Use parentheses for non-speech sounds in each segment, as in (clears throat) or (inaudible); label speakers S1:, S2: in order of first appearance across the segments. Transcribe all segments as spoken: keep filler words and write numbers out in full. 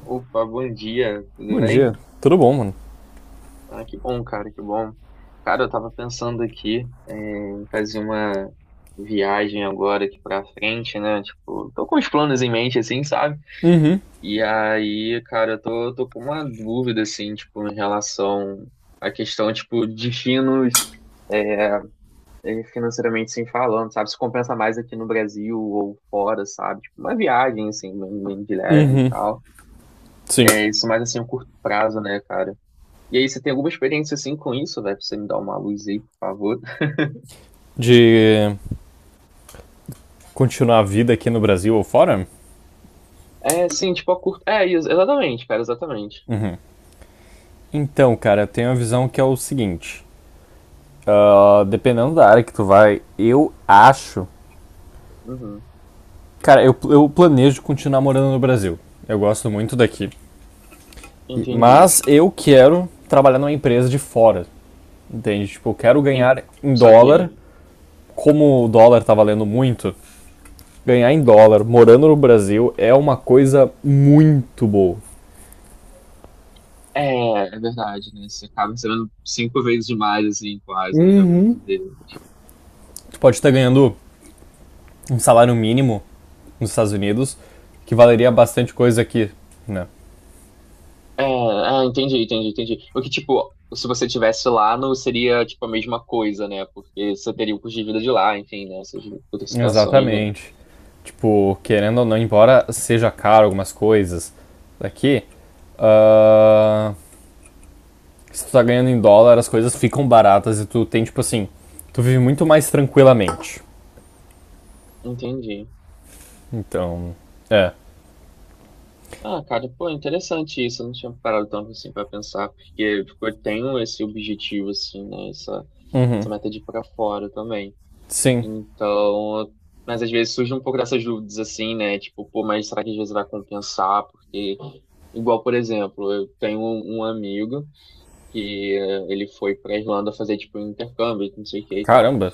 S1: Opa, bom dia, tudo
S2: Bom
S1: bem?
S2: dia. Tudo bom, mano?
S1: Ah, que bom, cara, que bom. Cara, eu tava pensando aqui é, em fazer uma viagem agora aqui pra frente, né? Tipo, tô com os planos em mente, assim, sabe?
S2: Uhum.
S1: E aí, cara, eu tô, tô com uma dúvida, assim, tipo, em relação à questão, tipo, destinos finos é, financeiramente, assim, falando, sabe? Se compensa mais aqui no Brasil ou fora, sabe? Tipo, uma viagem, assim, bem, bem de leve e
S2: Uhum.
S1: tal.
S2: Sim.
S1: É, isso mais, assim, a curto prazo, né, cara? E aí, você tem alguma experiência assim com isso, velho? Pra você me dar uma luz aí, por favor.
S2: De continuar a vida aqui no Brasil ou fora?
S1: É, sim, tipo, a curto. É, ex- exatamente, cara, exatamente.
S2: Então, cara, eu tenho a visão que é o seguinte. Ah, dependendo da área que tu vai, eu acho.
S1: Uhum,
S2: Cara, eu, eu planejo continuar morando no Brasil. Eu gosto muito daqui. E-
S1: entendi.
S2: Mas eu quero trabalhar numa empresa de fora. Entende? Tipo, eu quero
S1: En-
S2: ganhar em dólar.
S1: Saquei.
S2: Como o dólar tá valendo muito, ganhar em dólar morando no Brasil é uma coisa muito boa.
S1: É, é verdade, né? Você acaba recebendo cinco vezes mais, assim, quase, né? Vamos
S2: Uhum.
S1: dizer.
S2: Tu pode estar ganhando um salário mínimo nos Estados Unidos que valeria bastante coisa aqui, né?
S1: É, ah, entendi, entendi, entendi. Porque, tipo, se você tivesse lá, não seria, tipo, a mesma coisa, né? Porque você teria o custo de vida de lá, enfim, né? Essas outras situações, né?
S2: Exatamente. Tipo, querendo ou não, embora seja caro algumas coisas daqui, ah, se tu tá ganhando em dólar, as coisas ficam baratas e tu tem, tipo assim, tu vive muito mais tranquilamente.
S1: Entendi.
S2: Então, é.
S1: Ah, cara, pô, é interessante isso. Eu não tinha parado tanto assim pra pensar, porque tipo, eu tenho esse objetivo, assim, né? Essa, essa meta de ir pra fora também.
S2: Sim.
S1: Então, eu- mas às vezes surge um pouco dessas dúvidas, assim, né? Tipo, pô, mas será que às vezes vai compensar? Porque, igual, por exemplo, eu tenho um, um amigo que eh, ele foi pra Irlanda fazer, tipo, um intercâmbio, não sei o que e tal.
S2: Caramba.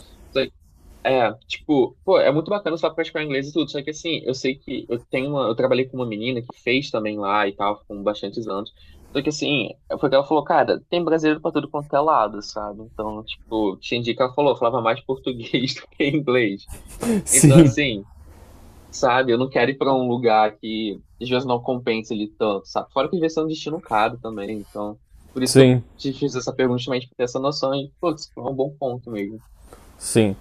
S1: É, tipo, pô, é muito bacana só praticar inglês e tudo, só que assim, eu sei que eu tenho uma, eu trabalhei com uma menina que fez também lá e tal, com bastantes anos. Só que assim, foi que ela falou, cara, tem brasileiro pra tudo quanto é lado, sabe? Então, tipo, tinha dia que ela falou, eu falava mais português (laughs) do que inglês. Então,
S2: Sim.
S1: assim, sabe, eu não quero ir pra um lugar que às vezes não compensa ele tanto, sabe? Fora que às vezes é um destino caro também, então, por isso que eu
S2: Sim.
S1: te fiz essa pergunta, justamente pra ter essa noção e, pô, isso foi um bom ponto mesmo.
S2: Sim.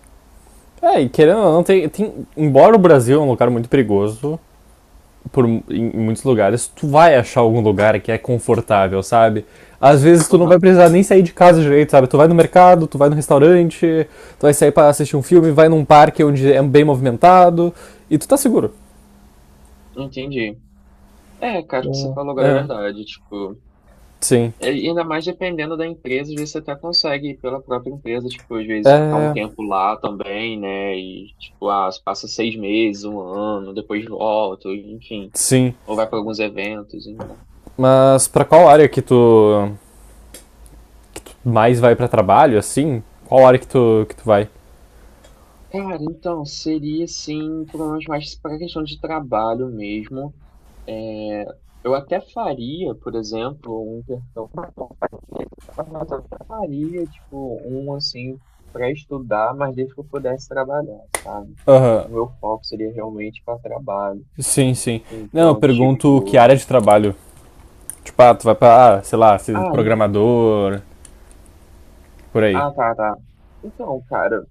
S2: É, e querendo ou não, tem, tem- embora o Brasil é um lugar muito perigoso, por, em, em muitos lugares, tu vai achar algum lugar que é confortável, sabe? Às vezes tu não vai
S1: Aham,
S2: precisar nem sair de casa direito, sabe? Tu vai no mercado, tu vai no restaurante, tu vai sair para assistir um filme, vai num parque onde é bem movimentado e tu tá seguro.
S1: entendi. É, cara, o que você falou agora é
S2: É,
S1: verdade, tipo,
S2: sim.
S1: é- e ainda mais dependendo da empresa, às vezes você até consegue ir pela própria empresa, tipo, às vezes ficar um
S2: É,
S1: tempo lá também, né, e, tipo, ah, você passa seis meses, um ano, depois volta, enfim,
S2: sim.
S1: ou vai para alguns eventos, ainda.
S2: Mas pra qual área que tu mais vai pra trabalho, assim? Qual área que tu, que tu vai?
S1: Cara, então, seria, assim, provavelmente mais para questão de trabalho mesmo, eu até faria, por exemplo, um intercâmbio. Mas eu até faria, tipo, um assim, para estudar, mas desde que eu pudesse trabalhar, sabe?
S2: Aham.
S1: O meu foco seria realmente para trabalho.
S2: Sim, sim. Não, eu
S1: Então,
S2: pergunto que
S1: tipo.
S2: área de trabalho. Tipo, ah, tu vai pra, ah, sei lá, ser
S1: Ah, en-
S2: programador, por aí.
S1: ah, tá, tá. Então, cara,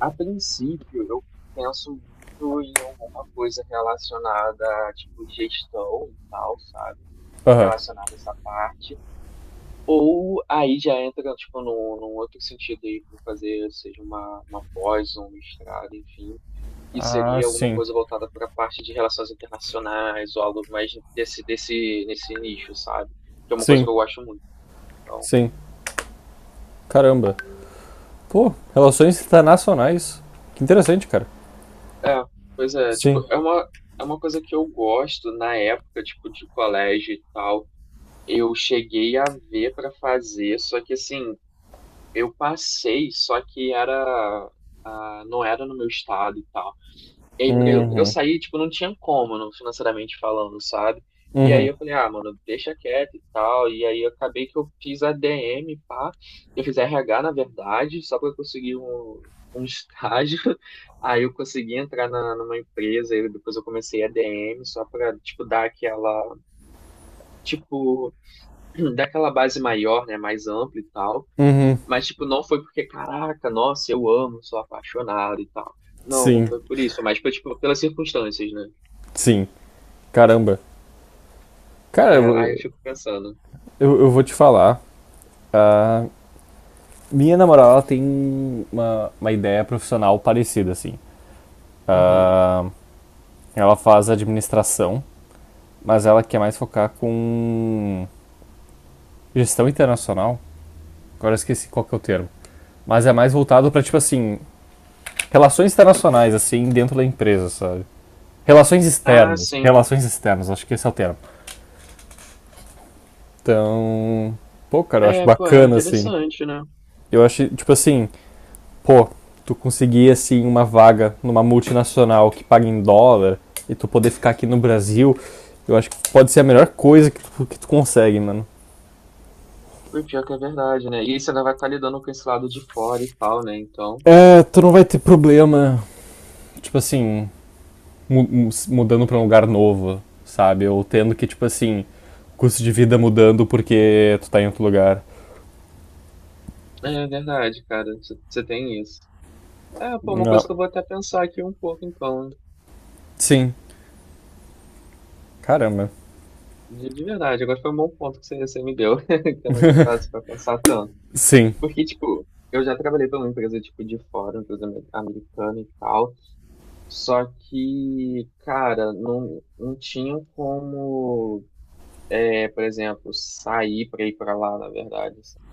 S1: a princípio eu penso muito em alguma coisa relacionada a, tipo, gestão e tal, sabe?
S2: Aham.
S1: Relacionada a essa parte. Ou aí já entra, tipo, num, num outro sentido aí, para fazer, seja uma, uma, pós, um mestrado, enfim, e
S2: Ah,
S1: seria alguma
S2: sim.
S1: coisa voltada para a parte de relações internacionais ou algo mais desse, desse, nesse nicho, sabe? Que é uma coisa
S2: Sim,
S1: que eu gosto muito. Então,
S2: sim. Caramba. Pô, relações internacionais. Que interessante, cara.
S1: é, pois é, tipo,
S2: Sim.
S1: é uma, é uma coisa que eu gosto na época, tipo, de colégio e tal. Eu cheguei a ver para fazer, só que assim, eu passei, só que era, ah, não era no meu estado e tal. E aí, pra eu, pra eu
S2: Uhum.
S1: sair, tipo, não tinha como, não, financeiramente falando, sabe? E aí
S2: Uhum.
S1: eu falei, ah, mano, deixa quieto e tal. E aí eu acabei que eu fiz A D M, pá. Eu fiz R H, na verdade, só pra eu conseguir um, um estágio. (laughs) Aí eu consegui entrar na, numa empresa, e depois eu comecei a ADM, só pra, tipo, dar aquela, tipo, (clears throat) dar aquela base maior, né, mais ampla e tal.
S2: Uhum.
S1: Mas, tipo, não foi porque, caraca, nossa, eu amo, sou apaixonado e tal. Não, não
S2: Sim.
S1: foi por isso, mas foi, tipo, pelas circunstâncias, né?
S2: Sim. Caramba. Cara,
S1: É,
S2: eu,
S1: aí eu
S2: vou-
S1: fico pensando.
S2: eu, eu vou te falar. A minha namorada ela tem uma, uma ideia profissional parecida, assim.
S1: Uhum.
S2: Ela faz administração, mas ela quer mais focar com gestão internacional. Agora eu esqueci qual que é o termo. Mas é mais voltado pra, tipo assim, relações internacionais, assim, dentro da empresa, sabe? Relações
S1: Ah,
S2: externas.
S1: sim.
S2: Relações externas, acho que esse é o termo. Então, pô, cara, eu acho
S1: É, pô, é
S2: bacana, assim.
S1: interessante, né?
S2: Eu acho, tipo assim, pô, tu conseguir, assim, uma vaga numa multinacional que paga em dólar e tu poder ficar aqui no Brasil, eu acho que pode ser a melhor coisa que tu, que tu consegue, mano.
S1: Foi pior que é verdade, né? E aí você ainda vai estar lidando com esse lado de fora e tal, né? Então,
S2: É, tu não vai ter problema, tipo assim, mu- mudando pra um lugar novo, sabe? Ou tendo que, tipo assim, custo de vida mudando porque tu tá em outro lugar.
S1: é verdade, cara. Você você tem isso. É, pô, uma coisa
S2: Não.
S1: que eu vou até pensar aqui um pouco, então.
S2: Sim. Caramba.
S1: De, de verdade, agora foi um bom ponto que você, você me deu, (laughs) que eu não tinha parado pra pensar tanto.
S2: Sim.
S1: Porque, tipo, eu já trabalhei pra uma empresa, tipo, de fora, uma empresa ame- americana e tal. Só que, cara, não, não tinha como. É, por exemplo, sair para ir para lá, na verdade. sabe?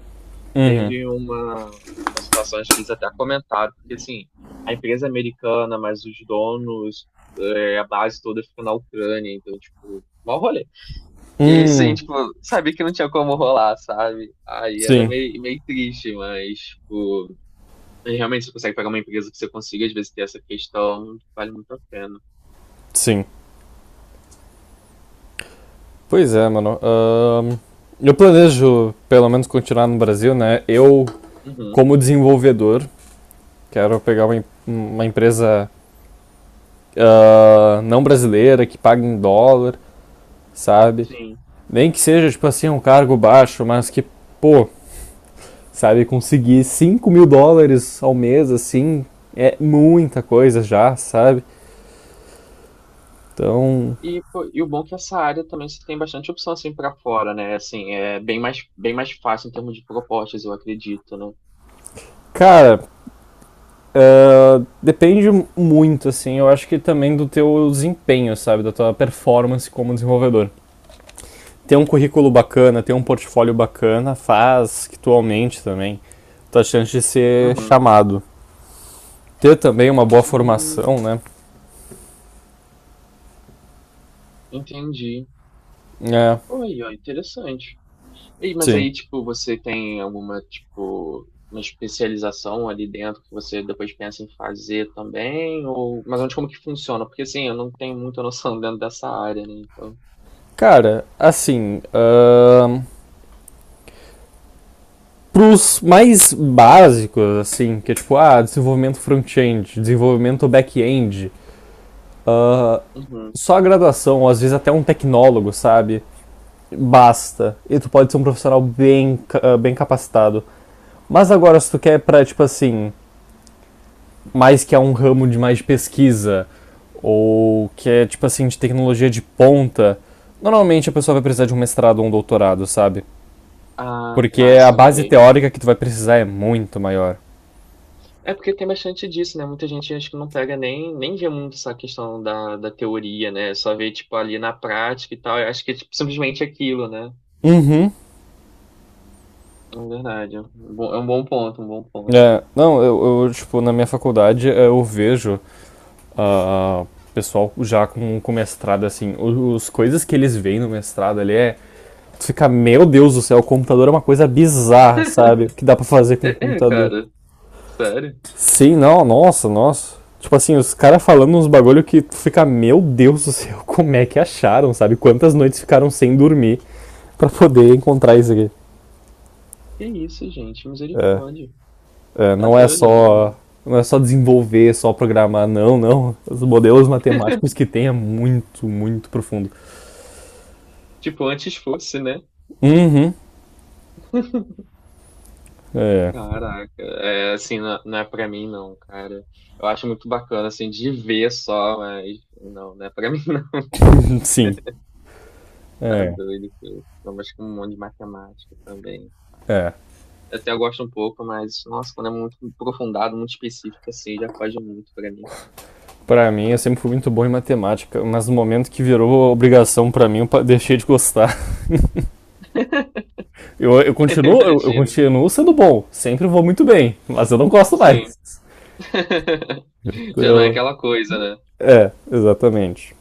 S2: Hum.
S1: Teve uma, uma situação acho que eles até comentaram, porque assim, a empresa é americana, mas os donos, é, a base toda fica na Ucrânia, então, tipo, mal rolê. E aí, sim,
S2: Hum.
S1: tipo, sabia que não tinha como rolar, sabe? Aí era
S2: Sim.
S1: meio, meio triste, mas, tipo, realmente você consegue pegar uma empresa que você consiga, às vezes, ter essa questão, vale muito a pena.
S2: Sim. Pois é, mano. Ahn, eu planejo, pelo menos, continuar no Brasil, né? Eu,
S1: Uhum,
S2: como desenvolvedor, quero pegar uma, em- uma empresa ah, não brasileira, que pague em dólar, sabe?
S1: sim.
S2: Nem que seja, tipo assim, um cargo baixo, mas que, pô, sabe? Conseguir cinco mil dólares ao mês, assim, é muita coisa já, sabe? Então,
S1: E, pô, e o bom é que essa área também você tem bastante opção assim para fora, né? Assim, é bem mais, bem mais fácil em termos de propostas, eu acredito, né?
S2: cara, Uh, depende muito, assim, eu acho que também do teu desempenho, sabe? Da tua performance como desenvolvedor. Ter um currículo bacana, ter um portfólio bacana, faz que tu aumente também tua chance de ser
S1: Uhum.
S2: chamado. Ter também uma boa
S1: Hum,
S2: formação, né?
S1: entendi.
S2: É,
S1: Oi, ó, interessante. E, mas aí,
S2: sim.
S1: tipo, você tem alguma, tipo, uma especialização ali dentro que você depois pensa em fazer também? Ou... Mas onde, como que funciona? Porque, assim, eu não tenho muita noção (laughs) dentro dessa área, né? Então,
S2: Cara, assim, uh, pros mais básicos, assim, que é tipo, ah, desenvolvimento front-end, desenvolvimento back-end, uh,
S1: uhum.
S2: só a graduação, ou às vezes até um tecnólogo, sabe? Basta. E tu pode ser um profissional bem, bem capacitado. Mas agora, se tu quer pra, tipo assim, mais que é um ramo de mais de pesquisa, ou que é, tipo assim, de tecnologia de ponta, normalmente a pessoa vai precisar de um mestrado ou um doutorado, sabe?
S1: Ah,
S2: Porque
S1: tá,
S2: a base
S1: saquei.
S2: teórica que tu vai precisar é muito maior.
S1: É porque tem bastante disso, né? Muita gente acho que não pega nem, nem vê muito essa questão da, da teoria, né? Só vê, tipo, ali na prática e tal. Eu acho que é tipo, simplesmente aquilo, né?
S2: Uhum.
S1: É verdade. É um bom é um bom ponto, um bom ponto.
S2: É, não, eu, eu, tipo, na minha faculdade é, eu vejo ah, ah, pessoal já com, com mestrado, assim, o- os coisas que eles veem no mestrado ali é. Tu fica, meu Deus do céu, o computador é uma coisa bizarra, sabe? O que dá pra fazer com o
S1: É, é,
S2: computador.
S1: cara. Sério?
S2: Sim, não, nossa, nossa. Tipo assim, os caras falando uns bagulho que tu fica, meu Deus do céu, (laughs) como é que acharam, sabe? Quantas noites ficaram sem dormir pra poder encontrar isso aqui.
S1: Que isso, gente?
S2: É,
S1: Misericórdia.
S2: é,
S1: Tá
S2: não é
S1: doido.
S2: só. Não é só desenvolver, só programar, não, não. Os modelos matemáticos que tem é muito, muito profundo.
S1: Tipo, antes fosse, né?
S2: Uhum. É.
S1: Caraca. É, assim, não, não é pra mim, não, cara. Eu acho muito bacana, assim, de ver só, mas não, não é pra (laughs) mim, não.
S2: (laughs) Sim.
S1: Tá
S2: É.
S1: doido, cara. Eu acho que um monte de matemática também.
S2: É.
S1: Eu até gosto um pouco, mas, nossa, quando é muito aprofundado, muito específico, assim, já foge muito pra mim.
S2: Pra mim, eu sempre fui muito bom em matemática, mas no momento que virou obrigação pra mim, eu deixei de gostar. (laughs) Eu, eu
S1: (laughs)
S2: continuo, eu, eu
S1: Imagino.
S2: continuo sendo bom, sempre vou muito bem, mas eu não gosto
S1: Sim.
S2: mais.
S1: (laughs) Já não é
S2: Então,
S1: aquela coisa, né?
S2: é, exatamente.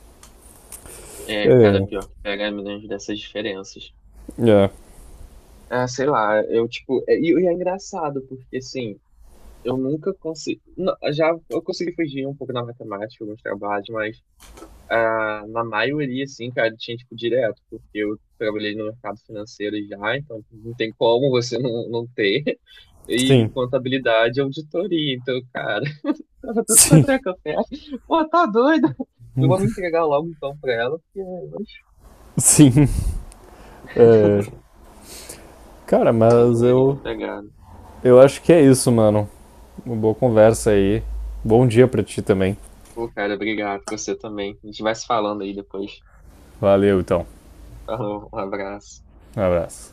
S1: É, cara,
S2: É,
S1: pior que pega milhões dessas diferenças.
S2: é,
S1: Ah, sei lá, eu, tipo... é- E e é engraçado, porque, assim, eu nunca consegui... Não, já eu consegui fugir um pouco na matemática, alguns trabalhos, mas ah, na maioria, assim, cara, tinha, tipo, direto, porque eu trabalhei no mercado financeiro já, então não tem como você não, não ter. e
S2: sim,
S1: contabilidade e auditoria. Então, cara, (laughs) tava
S2: (laughs)
S1: tudo
S2: sim,
S1: quanto é café. Pô, tá doido? Eu vou me entregar logo então pra ela, porque é, mas,
S2: sim. É, cara,
S1: mas
S2: mas
S1: é é
S2: eu,
S1: pegado.
S2: eu acho que é isso, mano. Uma boa conversa aí. Bom dia pra ti também.
S1: Pô, cara, obrigado. Você também. A gente vai se falando aí depois.
S2: Valeu, então.
S1: Falou, um abraço.
S2: Um abraço.